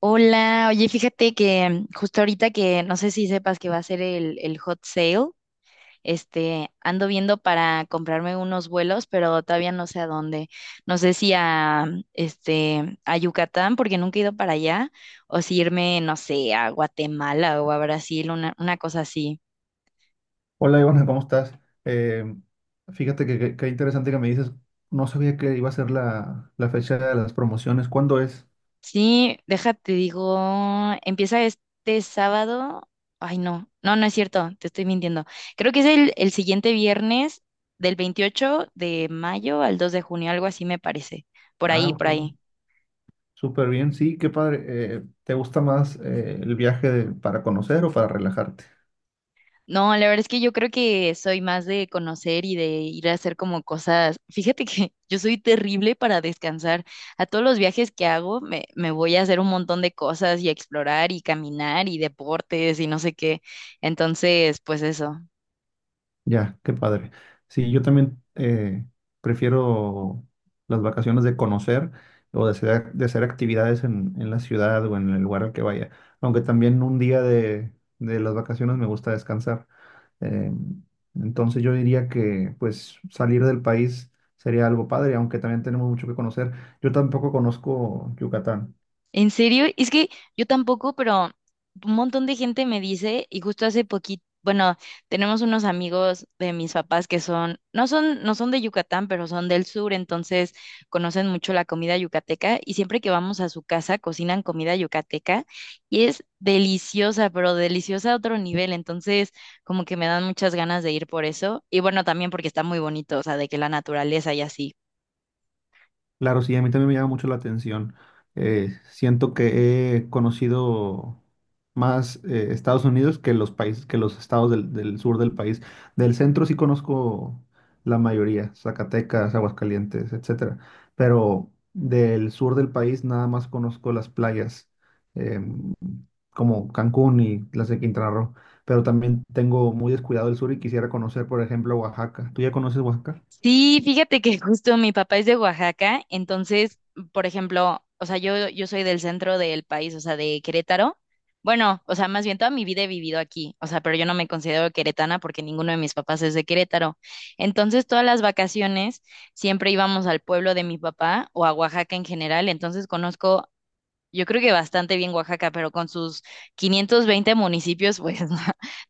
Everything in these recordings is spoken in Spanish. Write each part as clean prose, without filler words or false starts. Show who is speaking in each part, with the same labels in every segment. Speaker 1: Hola, oye, fíjate que justo ahorita que no sé si sepas que va a ser el hot sale, ando viendo para comprarme unos vuelos, pero todavía no sé a dónde. No sé si a, a Yucatán, porque nunca he ido para allá, o si irme, no sé, a Guatemala o a Brasil, una cosa así.
Speaker 2: Hola Ivana, ¿cómo estás? Eh, Fíjate qué interesante que me dices. No sabía que iba a ser la fecha de las promociones. ¿Cuándo es?
Speaker 1: Sí, déjate, digo, empieza este sábado. Ay, no, no, no es cierto, te estoy mintiendo. Creo que es el siguiente viernes del 28 de mayo al 2 de junio, algo así me parece. Por
Speaker 2: Ah,
Speaker 1: ahí, por
Speaker 2: ok,
Speaker 1: ahí.
Speaker 2: súper bien, sí, qué padre. ¿Te gusta más el para conocer o para relajarte?
Speaker 1: No, la verdad es que yo creo que soy más de conocer y de ir a hacer como cosas. Fíjate que yo soy terrible para descansar. A todos los viajes que hago me voy a hacer un montón de cosas y a explorar y caminar y deportes y no sé qué. Entonces, pues eso.
Speaker 2: Ya, qué padre. Sí, yo también prefiero las vacaciones de conocer o de de hacer actividades en la ciudad o en el lugar al que vaya. Aunque también un día de las vacaciones me gusta descansar. Eh, entonces yo diría que pues salir del país sería algo padre, aunque también tenemos mucho que conocer. Yo tampoco conozco Yucatán.
Speaker 1: ¿En serio? Es que yo tampoco, pero un montón de gente me dice, y justo hace poquito, bueno, tenemos unos amigos de mis papás que son, no son de Yucatán, pero son del sur, entonces conocen mucho la comida yucateca, y siempre que vamos a su casa cocinan comida yucateca, y es deliciosa, pero deliciosa a otro nivel, entonces como que me dan muchas ganas de ir por eso, y bueno, también porque está muy bonito, o sea, de que la naturaleza y así.
Speaker 2: Claro, sí, a mí también me llama mucho la atención. Siento que he conocido más Estados Unidos que los que los estados del sur del país. Del centro sí conozco la mayoría: Zacatecas, Aguascalientes, etcétera. Pero del sur del país nada más conozco las playas, em, como Cancún y las de Quintana Roo. Pero también tengo muy descuidado el sur y quisiera conocer, por ejemplo, Oaxaca. ¿Tú ya conoces Oaxaca?
Speaker 1: Sí, fíjate que justo mi papá es de Oaxaca, entonces, por ejemplo, o sea, yo soy del centro del país, o sea, de Querétaro. Bueno, o sea, más bien toda mi vida he vivido aquí, o sea, pero yo no me considero queretana porque ninguno de mis papás es de Querétaro. Entonces, todas las vacaciones siempre íbamos al pueblo de mi papá o a Oaxaca en general, entonces conozco yo creo que bastante bien Oaxaca, pero con sus 520 municipios, pues no,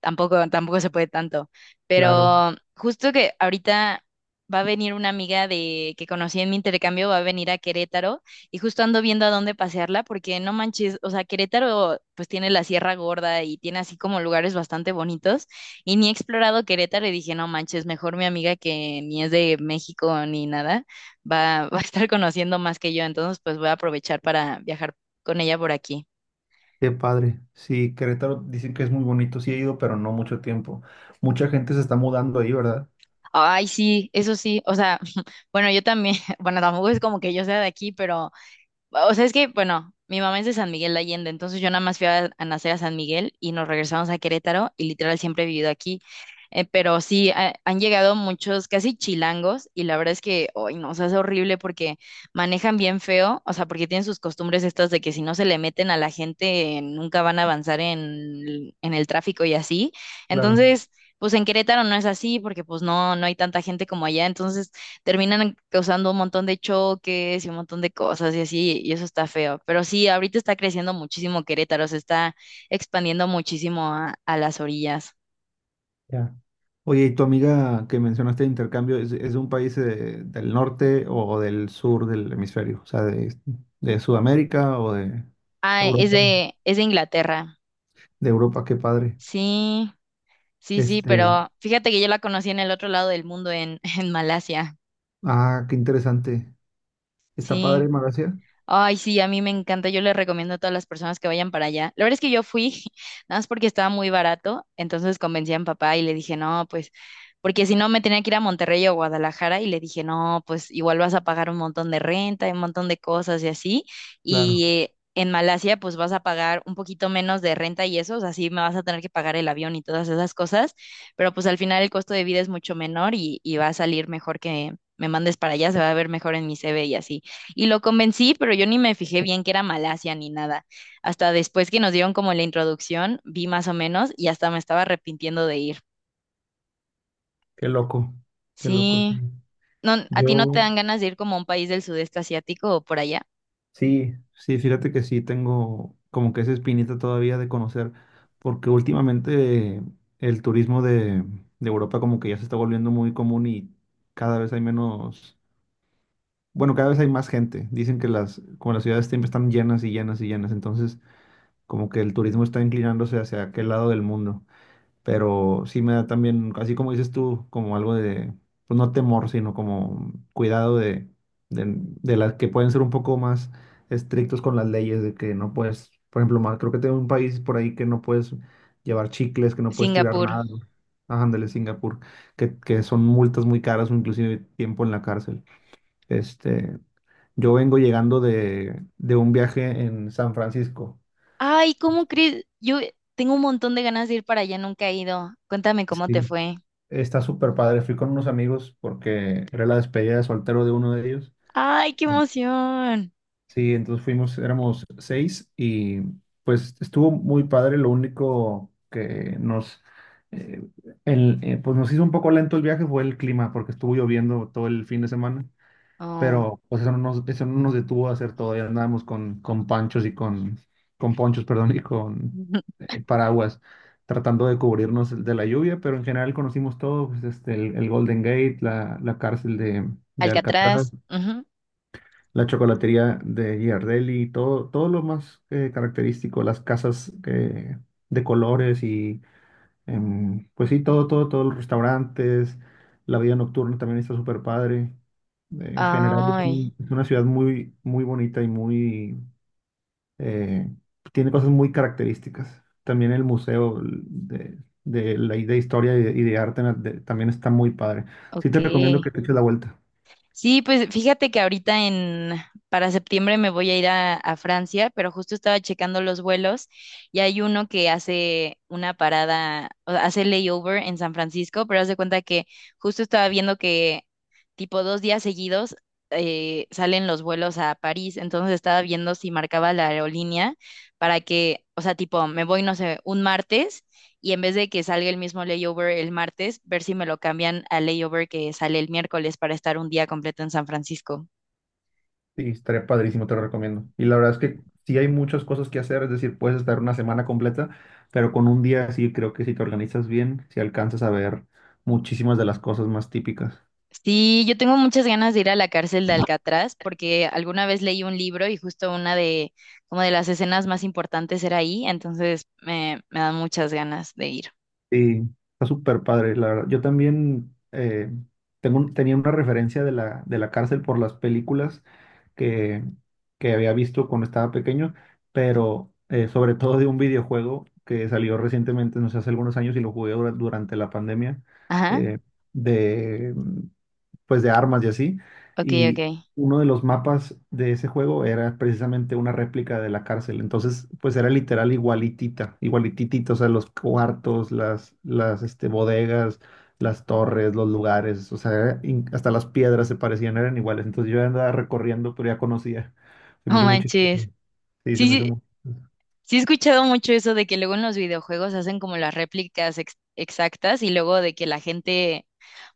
Speaker 1: tampoco, tampoco se puede tanto.
Speaker 2: Claro.
Speaker 1: Pero justo que ahorita va a venir una amiga de que conocí en mi intercambio, va a venir a Querétaro y justo ando viendo a dónde pasearla, porque no manches, o sea, Querétaro pues tiene la Sierra Gorda y tiene así como lugares bastante bonitos y ni he explorado Querétaro y dije, no manches, mejor mi amiga que ni es de México ni nada va, va a estar conociendo más que yo, entonces pues voy a aprovechar para viajar con ella por aquí.
Speaker 2: Qué padre. Sí, Querétaro dicen que es muy bonito. Sí he ido, pero no mucho tiempo. Mucha gente se está mudando ahí, ¿verdad?
Speaker 1: Ay, sí, eso sí, o sea, bueno, yo también, bueno, tampoco es como que yo sea de aquí, pero o sea, es que, bueno, mi mamá es de San Miguel de Allende, entonces yo nada más fui a nacer a San Miguel y nos regresamos a Querétaro y literal siempre he vivido aquí. Pero sí, han llegado muchos casi chilangos y la verdad es que, hoy no, o sea, es horrible porque manejan bien feo, o sea, porque tienen sus costumbres estas de que si no se le meten a la gente nunca van a avanzar en el tráfico y así.
Speaker 2: Claro.
Speaker 1: Entonces... Pues en Querétaro no es así porque pues no, no hay tanta gente como allá, entonces terminan causando un montón de choques y un montón de cosas y así, y eso está feo. Pero sí, ahorita está creciendo muchísimo Querétaro, se está expandiendo muchísimo a las orillas.
Speaker 2: Ya. Oye, ¿y tu amiga que mencionaste de intercambio es de un país del norte o del sur del hemisferio? O sea, de Sudamérica o de
Speaker 1: Ah, es
Speaker 2: Europa.
Speaker 1: de, es de Inglaterra.
Speaker 2: De Europa, qué padre.
Speaker 1: Sí, sí, sí,
Speaker 2: Este,
Speaker 1: pero fíjate que yo la conocí en el otro lado del mundo, en, en Malasia.
Speaker 2: ah, qué interesante. ¿Está
Speaker 1: Sí.
Speaker 2: padre Malasia?
Speaker 1: Ay, sí, a mí me encanta. Yo le recomiendo a todas las personas que vayan para allá. La verdad es que yo fui, nada más porque estaba muy barato, entonces convencí a mi papá y le dije, no, pues, porque si no me tenía que ir a Monterrey o Guadalajara y le dije, no, pues igual vas a pagar un montón de renta, y un montón de cosas y así. Y
Speaker 2: Claro,
Speaker 1: en Malasia, pues vas a pagar un poquito menos de renta y eso, o sea, sí me vas a tener que pagar el avión y todas esas cosas, pero pues al final el costo de vida es mucho menor y va a salir mejor que me mandes para allá, se va a ver mejor en mi CV y así. Y lo convencí, pero yo ni me fijé bien que era Malasia ni nada. Hasta después que nos dieron como la introducción, vi más o menos y hasta me estaba arrepintiendo de ir.
Speaker 2: qué loco, qué loco, sí.
Speaker 1: Sí. No, ¿a ti no te
Speaker 2: Yo,
Speaker 1: dan ganas de ir como a un país del sudeste asiático o por allá?
Speaker 2: Sí, sí, fíjate que sí tengo como que esa espinita todavía de conocer, porque últimamente el turismo de Europa como que ya se está volviendo muy común y cada vez hay menos, bueno, cada vez hay más gente. Dicen que como las ciudades siempre están llenas y llenas y llenas, entonces como que el turismo está inclinándose hacia aquel lado del mundo. Pero sí me da también, así como dices tú, como algo pues no temor, sino como cuidado de las que pueden ser un poco más estrictos con las leyes, de que no puedes, por ejemplo, más, creo que tengo un país por ahí que no puedes llevar chicles, que no puedes tirar
Speaker 1: Singapur.
Speaker 2: nada, ¿no? Ajá, ándale, Singapur, que son multas muy caras o inclusive tiempo en la cárcel. Este, yo vengo llegando de un viaje en San Francisco.
Speaker 1: Ay, ¿cómo
Speaker 2: Este,
Speaker 1: crees? Yo tengo un montón de ganas de ir para allá, nunca he ido. Cuéntame cómo
Speaker 2: sí,
Speaker 1: te fue.
Speaker 2: está súper padre. Fui con unos amigos porque era la despedida de soltero de uno de ellos.
Speaker 1: Ay, qué emoción.
Speaker 2: Sí, entonces fuimos, éramos seis y pues estuvo muy padre. Lo único que eh, pues nos hizo un poco lento el viaje fue el clima, porque estuvo lloviendo todo el fin de semana,
Speaker 1: Oh.
Speaker 2: pero pues eso no eso no nos detuvo a hacer todo. Ya andábamos con con ponchos, perdón, y con paraguas, tratando de cubrirnos de la lluvia, pero en general conocimos todo, pues, este, el Golden Gate, la cárcel de Alcatraz,
Speaker 1: Alcatraz. Ujú.
Speaker 2: la chocolatería de Giardelli, todo, todo lo más característico, las casas de colores y... em, pues sí, todo, todo, todos los restaurantes, la vida nocturna también está súper padre. En general es,
Speaker 1: Ay,
Speaker 2: es una ciudad muy, muy bonita y muy, eh, tiene cosas muy características. También el museo de historia y y de también está muy padre. Sí
Speaker 1: ok.
Speaker 2: te recomiendo que te eches la vuelta.
Speaker 1: Sí, pues fíjate que ahorita en para septiembre me voy a ir a Francia, pero justo estaba checando los vuelos y hay uno que hace una parada, o sea, hace layover en San Francisco, pero haz de cuenta que justo estaba viendo que tipo dos días seguidos salen los vuelos a París, entonces estaba viendo si marcaba la aerolínea para que, o sea, tipo me voy, no sé, un martes y en vez de que salga el mismo layover el martes, ver si me lo cambian al layover que sale el miércoles para estar un día completo en San Francisco.
Speaker 2: Sí, estaría padrísimo, te lo recomiendo. Y la verdad es que sí hay muchas cosas que hacer, es decir, puedes estar una semana completa, pero con un día sí creo que si te organizas bien, si alcanzas a ver muchísimas de las cosas más típicas.
Speaker 1: Sí, yo tengo muchas ganas de ir a la cárcel de Alcatraz porque alguna vez leí un libro y justo una de como de las escenas más importantes era ahí, entonces me dan muchas ganas de ir.
Speaker 2: Sí, está súper padre, la verdad. Yo también tenía una referencia de de la cárcel por las películas que, que había visto cuando estaba pequeño, pero sobre todo de un videojuego que salió recientemente, no sé, hace algunos años, y lo jugué durante la pandemia.
Speaker 1: Ajá,
Speaker 2: eh, de pues de armas y así.
Speaker 1: ok, ok.
Speaker 2: Y uno de los mapas de ese juego era precisamente una réplica de la cárcel. Entonces, pues era literal igualitita, igualititita, o sea, los cuartos, las este, bodegas, las torres, los lugares, o sea, hasta las piedras se parecían, eran iguales. Entonces yo andaba recorriendo, pero ya conocía. Se me
Speaker 1: No
Speaker 2: hizo muy
Speaker 1: manches.
Speaker 2: chistoso. Sí, se
Speaker 1: Sí,
Speaker 2: me hizo
Speaker 1: sí,
Speaker 2: muy chistoso.
Speaker 1: sí he escuchado mucho eso de que luego en los videojuegos hacen como las réplicas exactas y luego de que la gente...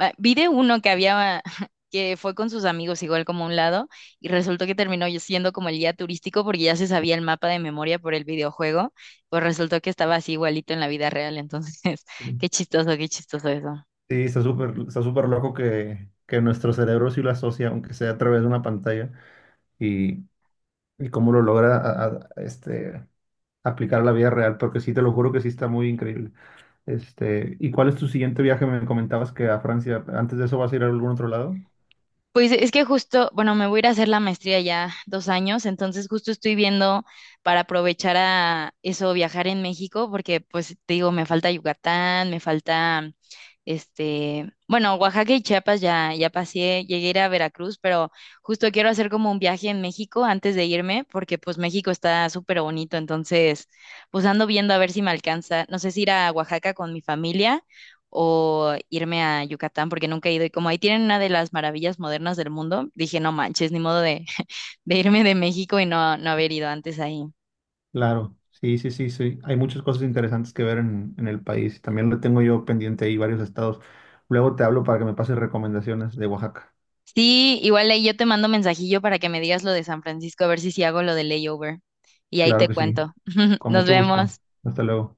Speaker 1: va, vi de uno que había, que fue con sus amigos igual como a un lado y resultó que terminó siendo como el guía turístico porque ya se sabía el mapa de memoria por el videojuego, pues resultó que estaba así igualito en la vida real, entonces
Speaker 2: Sí,
Speaker 1: qué chistoso eso.
Speaker 2: sí, está súper loco que nuestro cerebro sí lo asocia, aunque sea a través de una pantalla, y cómo lo logra a- este, aplicar a la vida real, porque sí, te lo juro que sí está muy increíble. Este, ¿y cuál es tu siguiente viaje? Me comentabas que a Francia. Antes de eso vas a ir a algún otro lado.
Speaker 1: Pues es que justo, bueno, me voy a ir a hacer la maestría ya 2 años, entonces justo estoy viendo para aprovechar a eso, viajar en México, porque pues te digo, me falta Yucatán, me falta, bueno, Oaxaca y Chiapas ya, ya pasé, llegué a ir a Veracruz, pero justo quiero hacer como un viaje en México antes de irme, porque pues México está súper bonito, entonces pues ando viendo a ver si me alcanza, no sé si ir a Oaxaca con mi familia o irme a Yucatán, porque nunca he ido. Y como ahí tienen una de las maravillas modernas del mundo, dije, no manches, ni modo de, de irme de México y no, no haber ido antes ahí.
Speaker 2: Claro, sí, sí, sí, sí. Hay muchas cosas interesantes que ver en el país. También lo tengo yo pendiente ahí varios estados. Luego te hablo para que me pases recomendaciones de Oaxaca.
Speaker 1: Sí, igual ahí yo te mando mensajillo para que me digas lo de San Francisco, a ver si sí hago lo de layover. Y ahí
Speaker 2: Claro
Speaker 1: te
Speaker 2: que sí.
Speaker 1: cuento.
Speaker 2: Con
Speaker 1: Nos
Speaker 2: mucho gusto.
Speaker 1: vemos.
Speaker 2: Hasta luego.